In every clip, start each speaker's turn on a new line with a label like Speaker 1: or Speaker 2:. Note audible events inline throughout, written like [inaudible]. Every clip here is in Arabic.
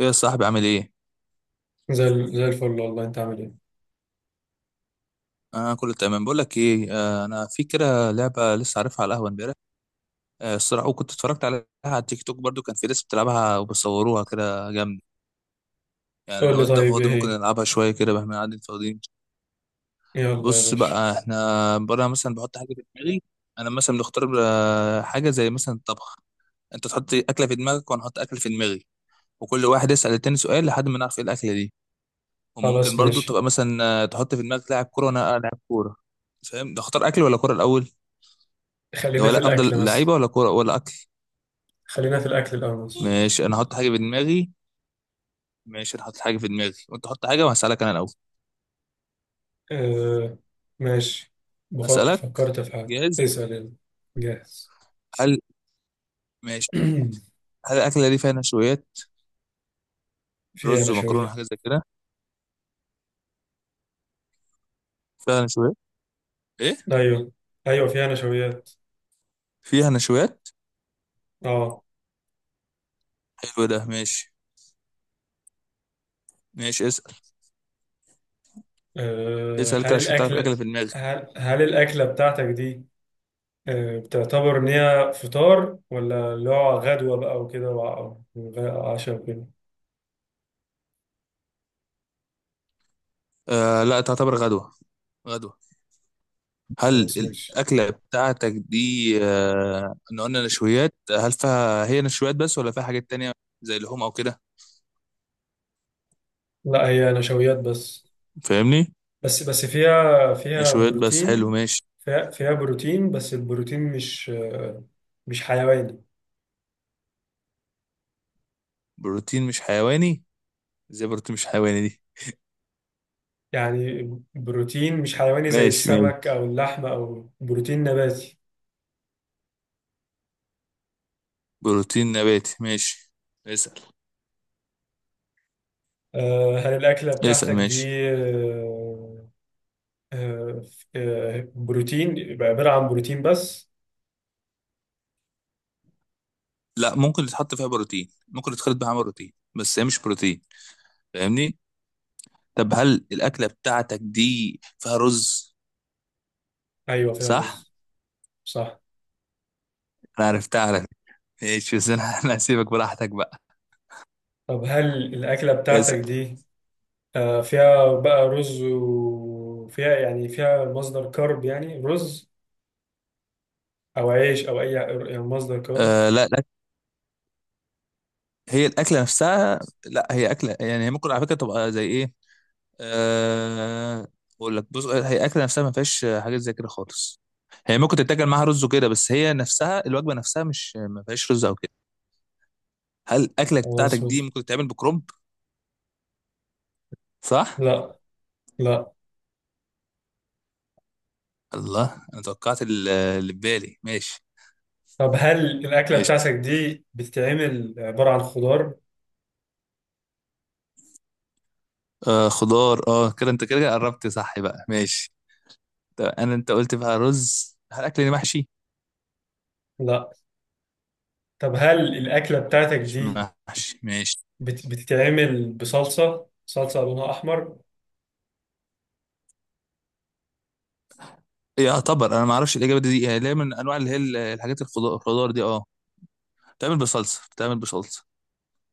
Speaker 1: ايه يا صاحبي عامل ايه؟
Speaker 2: زي الفل، والله انت عامل ايه؟
Speaker 1: انا كله تمام. بقول لك ايه، انا في كده لعبه لسه عارفها على القهوه امبارح. الصراحه، وكنت اتفرجت عليها على التيك توك برضو. كان في ناس بتلعبها وبيصوروها كده جامد. يعني
Speaker 2: قول
Speaker 1: لو
Speaker 2: لي
Speaker 1: انت
Speaker 2: طيب،
Speaker 1: فاضي
Speaker 2: ايه
Speaker 1: ممكن
Speaker 2: هي؟
Speaker 1: نلعبها شويه كده بقى، احنا قاعدين فاضيين.
Speaker 2: يلا يا
Speaker 1: بص
Speaker 2: باشا.
Speaker 1: بقى، احنا بره مثلا بحط حاجه في دماغي. انا مثلا بنختار حاجه زي مثلا الطبخ. انت تحط اكله في دماغك وانا احط اكل في دماغي، وكل واحد يسال التاني سؤال لحد ما نعرف ايه الاكله دي. وممكن
Speaker 2: خلاص
Speaker 1: برضو تبقى
Speaker 2: ماشي.
Speaker 1: مثلا تحط في دماغك لاعب كوره وانا لاعب كوره. فاهم؟ ده اختار اكل ولا كوره الاول؟
Speaker 2: خلينا في
Speaker 1: ولا
Speaker 2: الاكل
Speaker 1: افضل لعيبه
Speaker 2: بس.
Speaker 1: ولا كوره ولا اكل؟
Speaker 2: خلينا في الاكل الاول بس.
Speaker 1: ماشي، انا هحط حاجه في دماغي. ماشي، انا هحط حاجه في دماغي وانت حط حاجه، وهسالك انا الاول.
Speaker 2: آه ماشي. بفكر.
Speaker 1: اسالك.
Speaker 2: فكرت في حاجه،
Speaker 1: جاهز؟
Speaker 2: اسال يلا. جاهز.
Speaker 1: هل، ماشي.
Speaker 2: [clears throat]
Speaker 1: هل الاكله دي فيها نشويات؟
Speaker 2: فيها
Speaker 1: رز ومكرونه
Speaker 2: نشويات.
Speaker 1: حاجه زي كده؟ فيها نشويات؟ ايه؟
Speaker 2: ايوه، ايوه فيها نشويات.
Speaker 1: فيها نشويات.
Speaker 2: اه.
Speaker 1: حلو، ده ماشي. ماشي، اسال. اسال كده
Speaker 2: هل
Speaker 1: عشان تعرف
Speaker 2: الاكل،
Speaker 1: الاكله في دماغي.
Speaker 2: هل الاكله بتاعتك دي بتعتبر ان هي فطار، ولا اللي هو غدوه بقى وكده وعشاء وكده؟
Speaker 1: لا، تعتبر غدوه. غدوه. هل
Speaker 2: خلاص ماشي.
Speaker 1: الاكله بتاعتك دي ان قلنا نشويات، هل فيها هي نشويات بس ولا فيها حاجات تانية؟ زي لحوم او كده.
Speaker 2: لا هي نشويات بس.
Speaker 1: فاهمني؟
Speaker 2: بس فيها
Speaker 1: نشويات بس، حلو
Speaker 2: بروتين.
Speaker 1: ماشي.
Speaker 2: فيها بروتين، بس البروتين مش، مش حيواني.
Speaker 1: بروتين مش حيواني؟ ازاي بروتين مش حيواني دي؟
Speaker 2: يعني بروتين مش حيواني زي
Speaker 1: ماشي ماشي،
Speaker 2: السمك او اللحمة، او بروتين نباتي.
Speaker 1: بروتين نباتي ماشي. اسأل.
Speaker 2: هل الأكلة
Speaker 1: اسأل
Speaker 2: بتاعتك
Speaker 1: ماشي.
Speaker 2: دي، آه، بروتين، يبقى عبارة عن بروتين بس؟
Speaker 1: لا، ممكن يتحط فيها بروتين، ممكن يتخلط بيها عمل بروتين، بس هي مش بروتين. فاهمني؟ طب هل الأكلة بتاعتك دي فيها رز؟
Speaker 2: أيوة فيها
Speaker 1: صح.
Speaker 2: رز. صح.
Speaker 1: انا عرفتها على فكرة. ماشي بس انا [laughs] انا هسيبك براحتك بقى.
Speaker 2: طب هل الأكلة بتاعتك
Speaker 1: اسأل.
Speaker 2: دي فيها بقى رز، وفيها يعني فيها مصدر كرب، يعني رز أو عيش أو أي يعني مصدر كرب؟
Speaker 1: لا لا، هي الأكلة نفسها. لا، هي أكلة يعني، هي ممكن على فكرة تبقى زي ايه، أه... اقول لك، بص هي الاكله نفسها ما فيهاش حاجات زي كده خالص. هي ممكن تتاكل معاها رز وكده، بس هي نفسها الوجبه نفسها مش ما فيهاش رز او كده. هل الاكله
Speaker 2: أو
Speaker 1: بتاعتك دي
Speaker 2: أسمس؟
Speaker 1: ممكن تتعمل بكرنب؟ صح.
Speaker 2: لا لا.
Speaker 1: الله، انا توقعت اللي في بالي. ماشي.
Speaker 2: طب هل الأكلة
Speaker 1: قشطه.
Speaker 2: بتاعتك دي بتتعمل عبارة عن خضار؟
Speaker 1: خضار اه، كده انت كده قربت. صح بقى، ماشي. طب انا انت قلت بقى رز، هل الاكل دي محشي؟
Speaker 2: لا. طب هل الأكلة بتاعتك
Speaker 1: مش
Speaker 2: دي
Speaker 1: محشي، ماشي.
Speaker 2: بتتعمل بصلصة؟ صلصة لونها أحمر؟
Speaker 1: يعتبر انا ما اعرفش الاجابه دي، يعني ليه من انواع اللي هي الحاجات الخضار دي اه. بتعمل بصلصه، بتعمل بصلصه.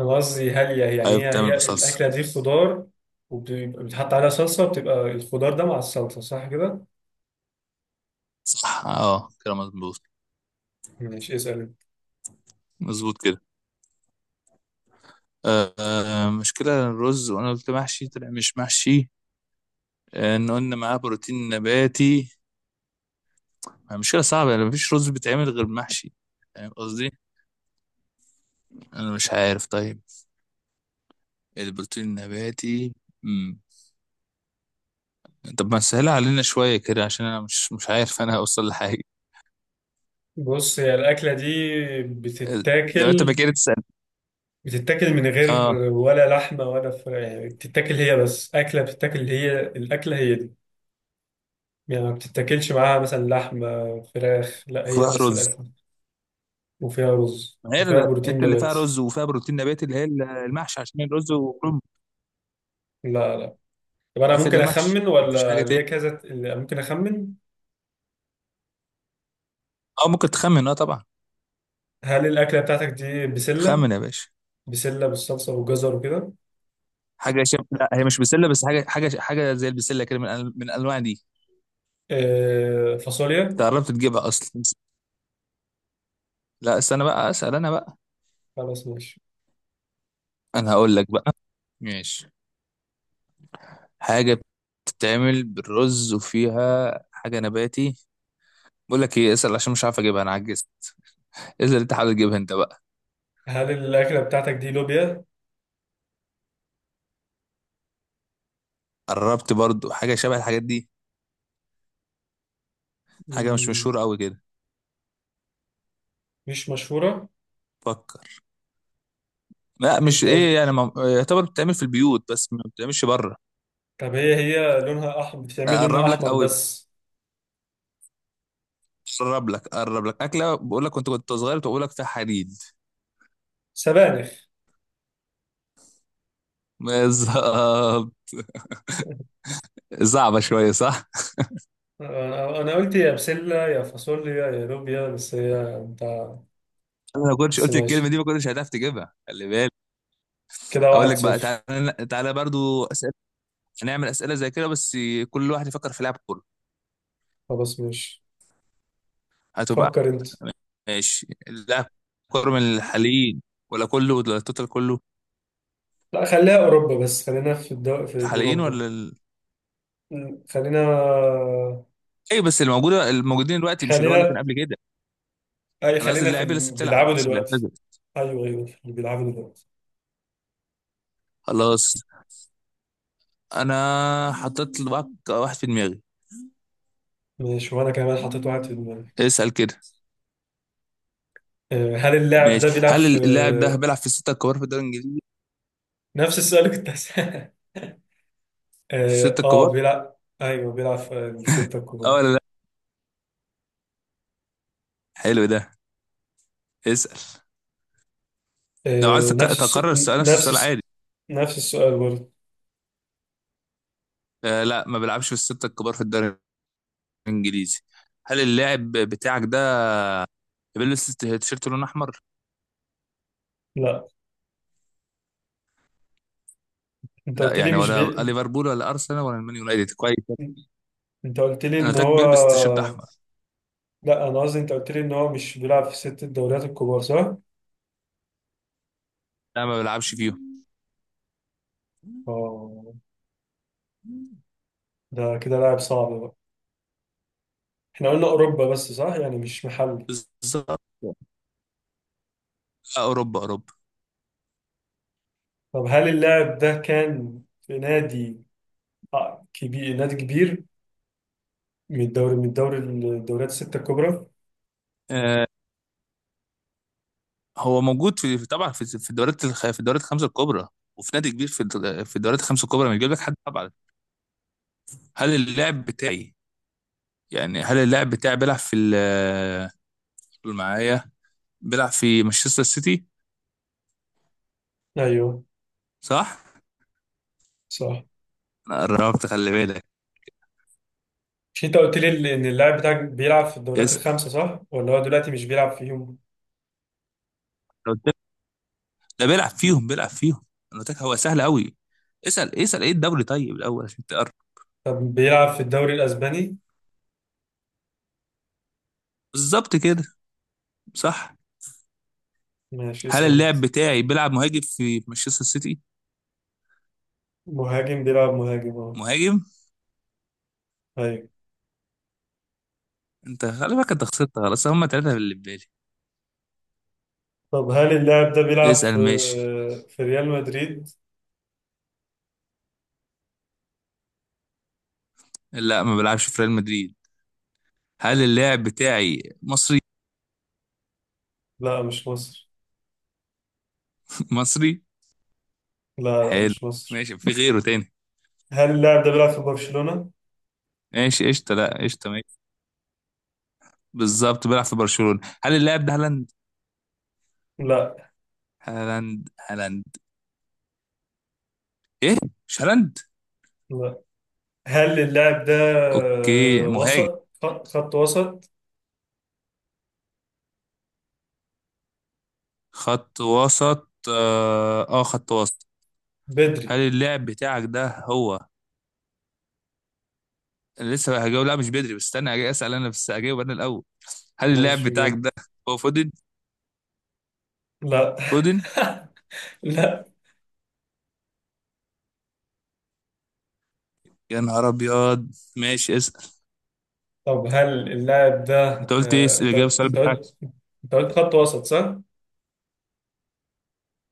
Speaker 2: أنا قصدي هل يعني
Speaker 1: ايوه
Speaker 2: هي
Speaker 1: بتعمل
Speaker 2: هي
Speaker 1: بصلصه.
Speaker 2: الأكلة دي خضار، وبتحط عليها صلصة، بتبقى الخضار ده مع الصلصة، صح كده؟
Speaker 1: صح، اه كده مظبوط.
Speaker 2: ماشي اسأل.
Speaker 1: مظبوط كده. مشكلة الرز، وانا قلت محشي طلع مش محشي. ان قلنا معاه بروتين نباتي، يعني مشكلة صعبة. يعني مفيش رز بيتعمل غير محشي، فاهم قصدي؟ انا مش عارف. طيب، البروتين النباتي. مم. طب ما سهلها علينا شوية كده، عشان انا مش عارف انا هوصل لحاجة.
Speaker 2: بص، هي الأكلة دي
Speaker 1: آه، لو انت ما
Speaker 2: بتتاكل،
Speaker 1: كده تسأل.
Speaker 2: بتتاكل من غير،
Speaker 1: اه،
Speaker 2: ولا لحمه ولا فراخ؟ يعني بتتاكل هي بس اكله، بتتاكل هي الاكله هي دي؟ يعني ما بتتاكلش معاها مثلا لحمه، فراخ، لا هي
Speaker 1: وفيها
Speaker 2: بس
Speaker 1: رز.
Speaker 2: الاكله. وفيها رز
Speaker 1: ما هي
Speaker 2: وفيها بروتين
Speaker 1: انت اللي فيها
Speaker 2: نباتي.
Speaker 1: رز وفيها بروتين نباتي اللي هي المحشي، عشان الرز وكرنب.
Speaker 2: لا لا. طب انا
Speaker 1: أكلة
Speaker 2: ممكن
Speaker 1: المحشي
Speaker 2: اخمن،
Speaker 1: مفيش حاجة
Speaker 2: ولا
Speaker 1: تاني.
Speaker 2: ليا كذا؟ ممكن اخمن.
Speaker 1: أو ممكن تخمن، أه طبعا.
Speaker 2: هل الاكله بتاعتك دي بسله؟
Speaker 1: خمن يا باشا.
Speaker 2: بسله بالصلصه وجزر وكده؟
Speaker 1: لا هي مش بسلة، بس حاجة حاجة زي البسلة كده، من من الأنواع دي. أنت
Speaker 2: فاصوليا؟
Speaker 1: قربت تجيبها أصلا. لا استنى بقى، أسأل أنا بقى.
Speaker 2: خلاص ماشي.
Speaker 1: أنا هقول لك بقى. ماشي. حاجة بتتعمل بالرز وفيها حاجة نباتي. بقول لك إيه، اسأل عشان مش عارف أجيبها، أنا عجزت. اسأل أنت، حاول تجيبها أنت بقى.
Speaker 2: هل الاكله بتاعتك دي لوبيا؟
Speaker 1: قربت برضو، حاجة شبه الحاجات دي. حاجة مش
Speaker 2: مم،
Speaker 1: مشهورة أوي كده.
Speaker 2: مش مشهوره.
Speaker 1: فكر. لا مش
Speaker 2: انت
Speaker 1: إيه يعني
Speaker 2: قلت،
Speaker 1: ما... يعتبر بتتعمل في البيوت بس ما بتتعملش بره.
Speaker 2: طب هي لونها احمر؟ بتتعمل لونها
Speaker 1: اقرب لك
Speaker 2: احمر
Speaker 1: قوي.
Speaker 2: بس؟
Speaker 1: قرب لك اكله. بقول لك كنت صغير، بقول لك فيها حديد.
Speaker 2: سبانخ.
Speaker 1: بالظبط. صعبه شويه، صح؟
Speaker 2: انا قلت يا بسله يا فاصوليا يا لوبيا، بس هي انت.
Speaker 1: انا لو كنتش
Speaker 2: بس
Speaker 1: قلت الكلمه
Speaker 2: ماشي،
Speaker 1: دي ما كنتش هتعرف تجيبها، خلي بالك.
Speaker 2: كده
Speaker 1: اقول
Speaker 2: واحد
Speaker 1: لك بقى،
Speaker 2: صفر.
Speaker 1: تعالى برضو اسئله. هنعمل اسئله زي كده بس. كل واحد يفكر في لعب كوره.
Speaker 2: خلاص ماشي.
Speaker 1: هتبقى،
Speaker 2: فكر انت.
Speaker 1: ماشي. اللاعب كوره من الحاليين ولا كله، ولا التوتال كله؟
Speaker 2: لا خليها اوروبا بس، خلينا في في
Speaker 1: الحاليين
Speaker 2: اوروبا.
Speaker 1: ولا
Speaker 2: م، خلينا
Speaker 1: اي بس الموجودين دلوقتي، مش اللي هو اللي كان
Speaker 2: خلينا
Speaker 1: قبل كده.
Speaker 2: اي،
Speaker 1: انا قصدي
Speaker 2: خلينا في
Speaker 1: اللاعب اللي لسه
Speaker 2: اللي
Speaker 1: بتلعب،
Speaker 2: بيلعبوا
Speaker 1: مش اللي
Speaker 2: دلوقتي.
Speaker 1: اعتزل.
Speaker 2: ايوه ايوه، في اللي بيلعبوا دلوقتي.
Speaker 1: خلاص، انا حطيت لك واحد في دماغي.
Speaker 2: ماشي، وانا كمان حطيت واحد في
Speaker 1: مم.
Speaker 2: دماغي.
Speaker 1: اسأل كده.
Speaker 2: هل اللاعب
Speaker 1: ماشي،
Speaker 2: ده بيلعب
Speaker 1: هل
Speaker 2: في،
Speaker 1: اللاعب ده بيلعب في الستة الكبار في الدوري الإنجليزي؟
Speaker 2: نفس السؤال اللي كنت هسأله.
Speaker 1: في
Speaker 2: اه
Speaker 1: الستة الكبار؟
Speaker 2: بيلعب. ايوه بيلعب في الستة
Speaker 1: اه
Speaker 2: الكبار.
Speaker 1: ولا لا؟ حلو ده، اسأل. لو عايز
Speaker 2: آه نفس الس...
Speaker 1: تكرر السؤال، نفس
Speaker 2: نفس
Speaker 1: السؤال
Speaker 2: الس...
Speaker 1: عادي.
Speaker 2: نفس السؤال برضه.
Speaker 1: لا، ما بيلعبش في الستة الكبار في الدوري الإنجليزي. هل اللاعب بتاعك ده بيلبس تيشيرت لون أحمر؟
Speaker 2: لا انت
Speaker 1: لا
Speaker 2: قلت
Speaker 1: يعني،
Speaker 2: لي مش
Speaker 1: ولا
Speaker 2: بي...
Speaker 1: ليفربول ولا أرسنال ولا المان يونايتد، كويس.
Speaker 2: انت قلت لي
Speaker 1: أنا
Speaker 2: ان
Speaker 1: قلت لك
Speaker 2: هو،
Speaker 1: بيلبس تيشيرت أحمر.
Speaker 2: لا انا قصدي انت قلت لي ان هو مش بيلعب في ست الدوريات الكبار، صح؟
Speaker 1: لا، ما بيلعبش فيهم.
Speaker 2: اه. ده كده لاعب صعب بقى. احنا قلنا اوروبا بس، صح؟ يعني مش محلي.
Speaker 1: بالظبط. أوروبا.
Speaker 2: طب هل اللاعب ده كان في نادي، كبير، نادي كبير، من الدوري الدوريات الستة الكبرى؟
Speaker 1: آه، هو موجود في طبعا في في الدوريات الخمسه الكبرى، وفي نادي كبير في في الدوريات الخمسه الكبرى، ما يجيب لك حد طبعا. هل اللاعب بتاعي يعني هل اللاعب بتاعي بيلعب في قول معايا، بيلعب في مانشستر سيتي.
Speaker 2: ايوه
Speaker 1: صح؟
Speaker 2: صح.
Speaker 1: انا قربت، خلي بالك.
Speaker 2: مش انت قلت لي ان اللاعب بتاعك بيلعب في الدوريات
Speaker 1: اسال.
Speaker 2: الخمسة، صح؟ ولا هو دلوقتي مش بيلعب فيهم؟
Speaker 1: لو قلت لك- ده بيلعب فيهم بيلعب فيهم. انا قلت لك هو سهل قوي. اسال، اسال ايه الدوري طيب الاول عشان تقرب.
Speaker 2: طب بيلعب في الدوري الاسباني؟
Speaker 1: بالظبط كده. صح.
Speaker 2: ماشي
Speaker 1: هل
Speaker 2: اسأل انت.
Speaker 1: اللاعب بتاعي بيلعب مهاجم في مانشستر سيتي؟
Speaker 2: مهاجم، بيلعب مهاجم اه.
Speaker 1: مهاجم.
Speaker 2: ايوه.
Speaker 1: انت خلي بالك، انت خسرت خلاص، هم ثلاثه اللي في بالي.
Speaker 2: طب هل اللاعب ده بيلعب
Speaker 1: اسأل
Speaker 2: في
Speaker 1: ماشي.
Speaker 2: في ريال مدريد؟
Speaker 1: لا، ما بلعبش في ريال مدريد. هل اللاعب بتاعي مصري؟
Speaker 2: لا مش مصر.
Speaker 1: [laughs] مصري؟
Speaker 2: لا لا
Speaker 1: حلو،
Speaker 2: مش مصر.
Speaker 1: ماشي، في غيره تاني.
Speaker 2: هل اللاعب ده بيلعب في برشلونة؟
Speaker 1: ماشي قشطة، لا قشطة ماشي. بالظبط، بيلعب في برشلونة. هل اللاعب ده هالاند؟
Speaker 2: لا.
Speaker 1: هالاند. هالاند. ايه. مش هالاند؟
Speaker 2: لا. هل اللاعب ده
Speaker 1: اوكي، مهاجم؟
Speaker 2: وسط، خط وسط؟
Speaker 1: خط وسط، اه خط وسط. هل
Speaker 2: بدري؟
Speaker 1: اللاعب بتاعك ده هو، أنا لسه هجاوب، لا مش بدري، بس استنى هجي اسال انا، بس هجاوب انا الاول. هل اللاعب
Speaker 2: ماشي
Speaker 1: بتاعك
Speaker 2: جامد.
Speaker 1: ده هو فودن؟
Speaker 2: لا.
Speaker 1: فودن.
Speaker 2: [laughs] لا.
Speaker 1: يا نهار ابيض. ماشي، اسال.
Speaker 2: طب هل اللاعب ده،
Speaker 1: انت قلت ايه
Speaker 2: آه، انت
Speaker 1: الاجابه،
Speaker 2: قلت
Speaker 1: السؤال
Speaker 2: انت
Speaker 1: بتاعك؟
Speaker 2: قلت انت قلت خط وسط، صح؟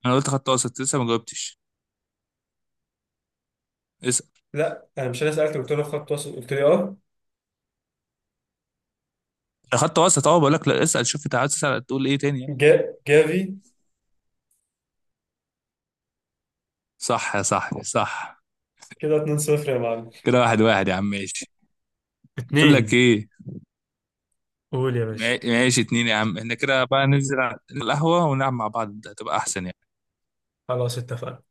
Speaker 1: انا قلت خط وسط، لسه ما جاوبتش. اسال.
Speaker 2: لا انا مش، انا سالتك قلت له خط وسط، قلت لي اه.
Speaker 1: خط وسط اه، بقول لك لا اسال، شوف انت عايز تسال تقول ايه تاني يعني.
Speaker 2: جافي؟
Speaker 1: صح يا صاحبي، صح.
Speaker 2: كده، 2-0 يا معلم.
Speaker 1: كده واحد واحد يا عم، ماشي. بقول لك
Speaker 2: اتنين.
Speaker 1: ايه،
Speaker 2: قول يا باشا.
Speaker 1: ماشي اتنين يا عم. احنا كده بقى ننزل على القهوه ونلعب مع بعض، ده هتبقى احسن.
Speaker 2: خلاص اتفقنا.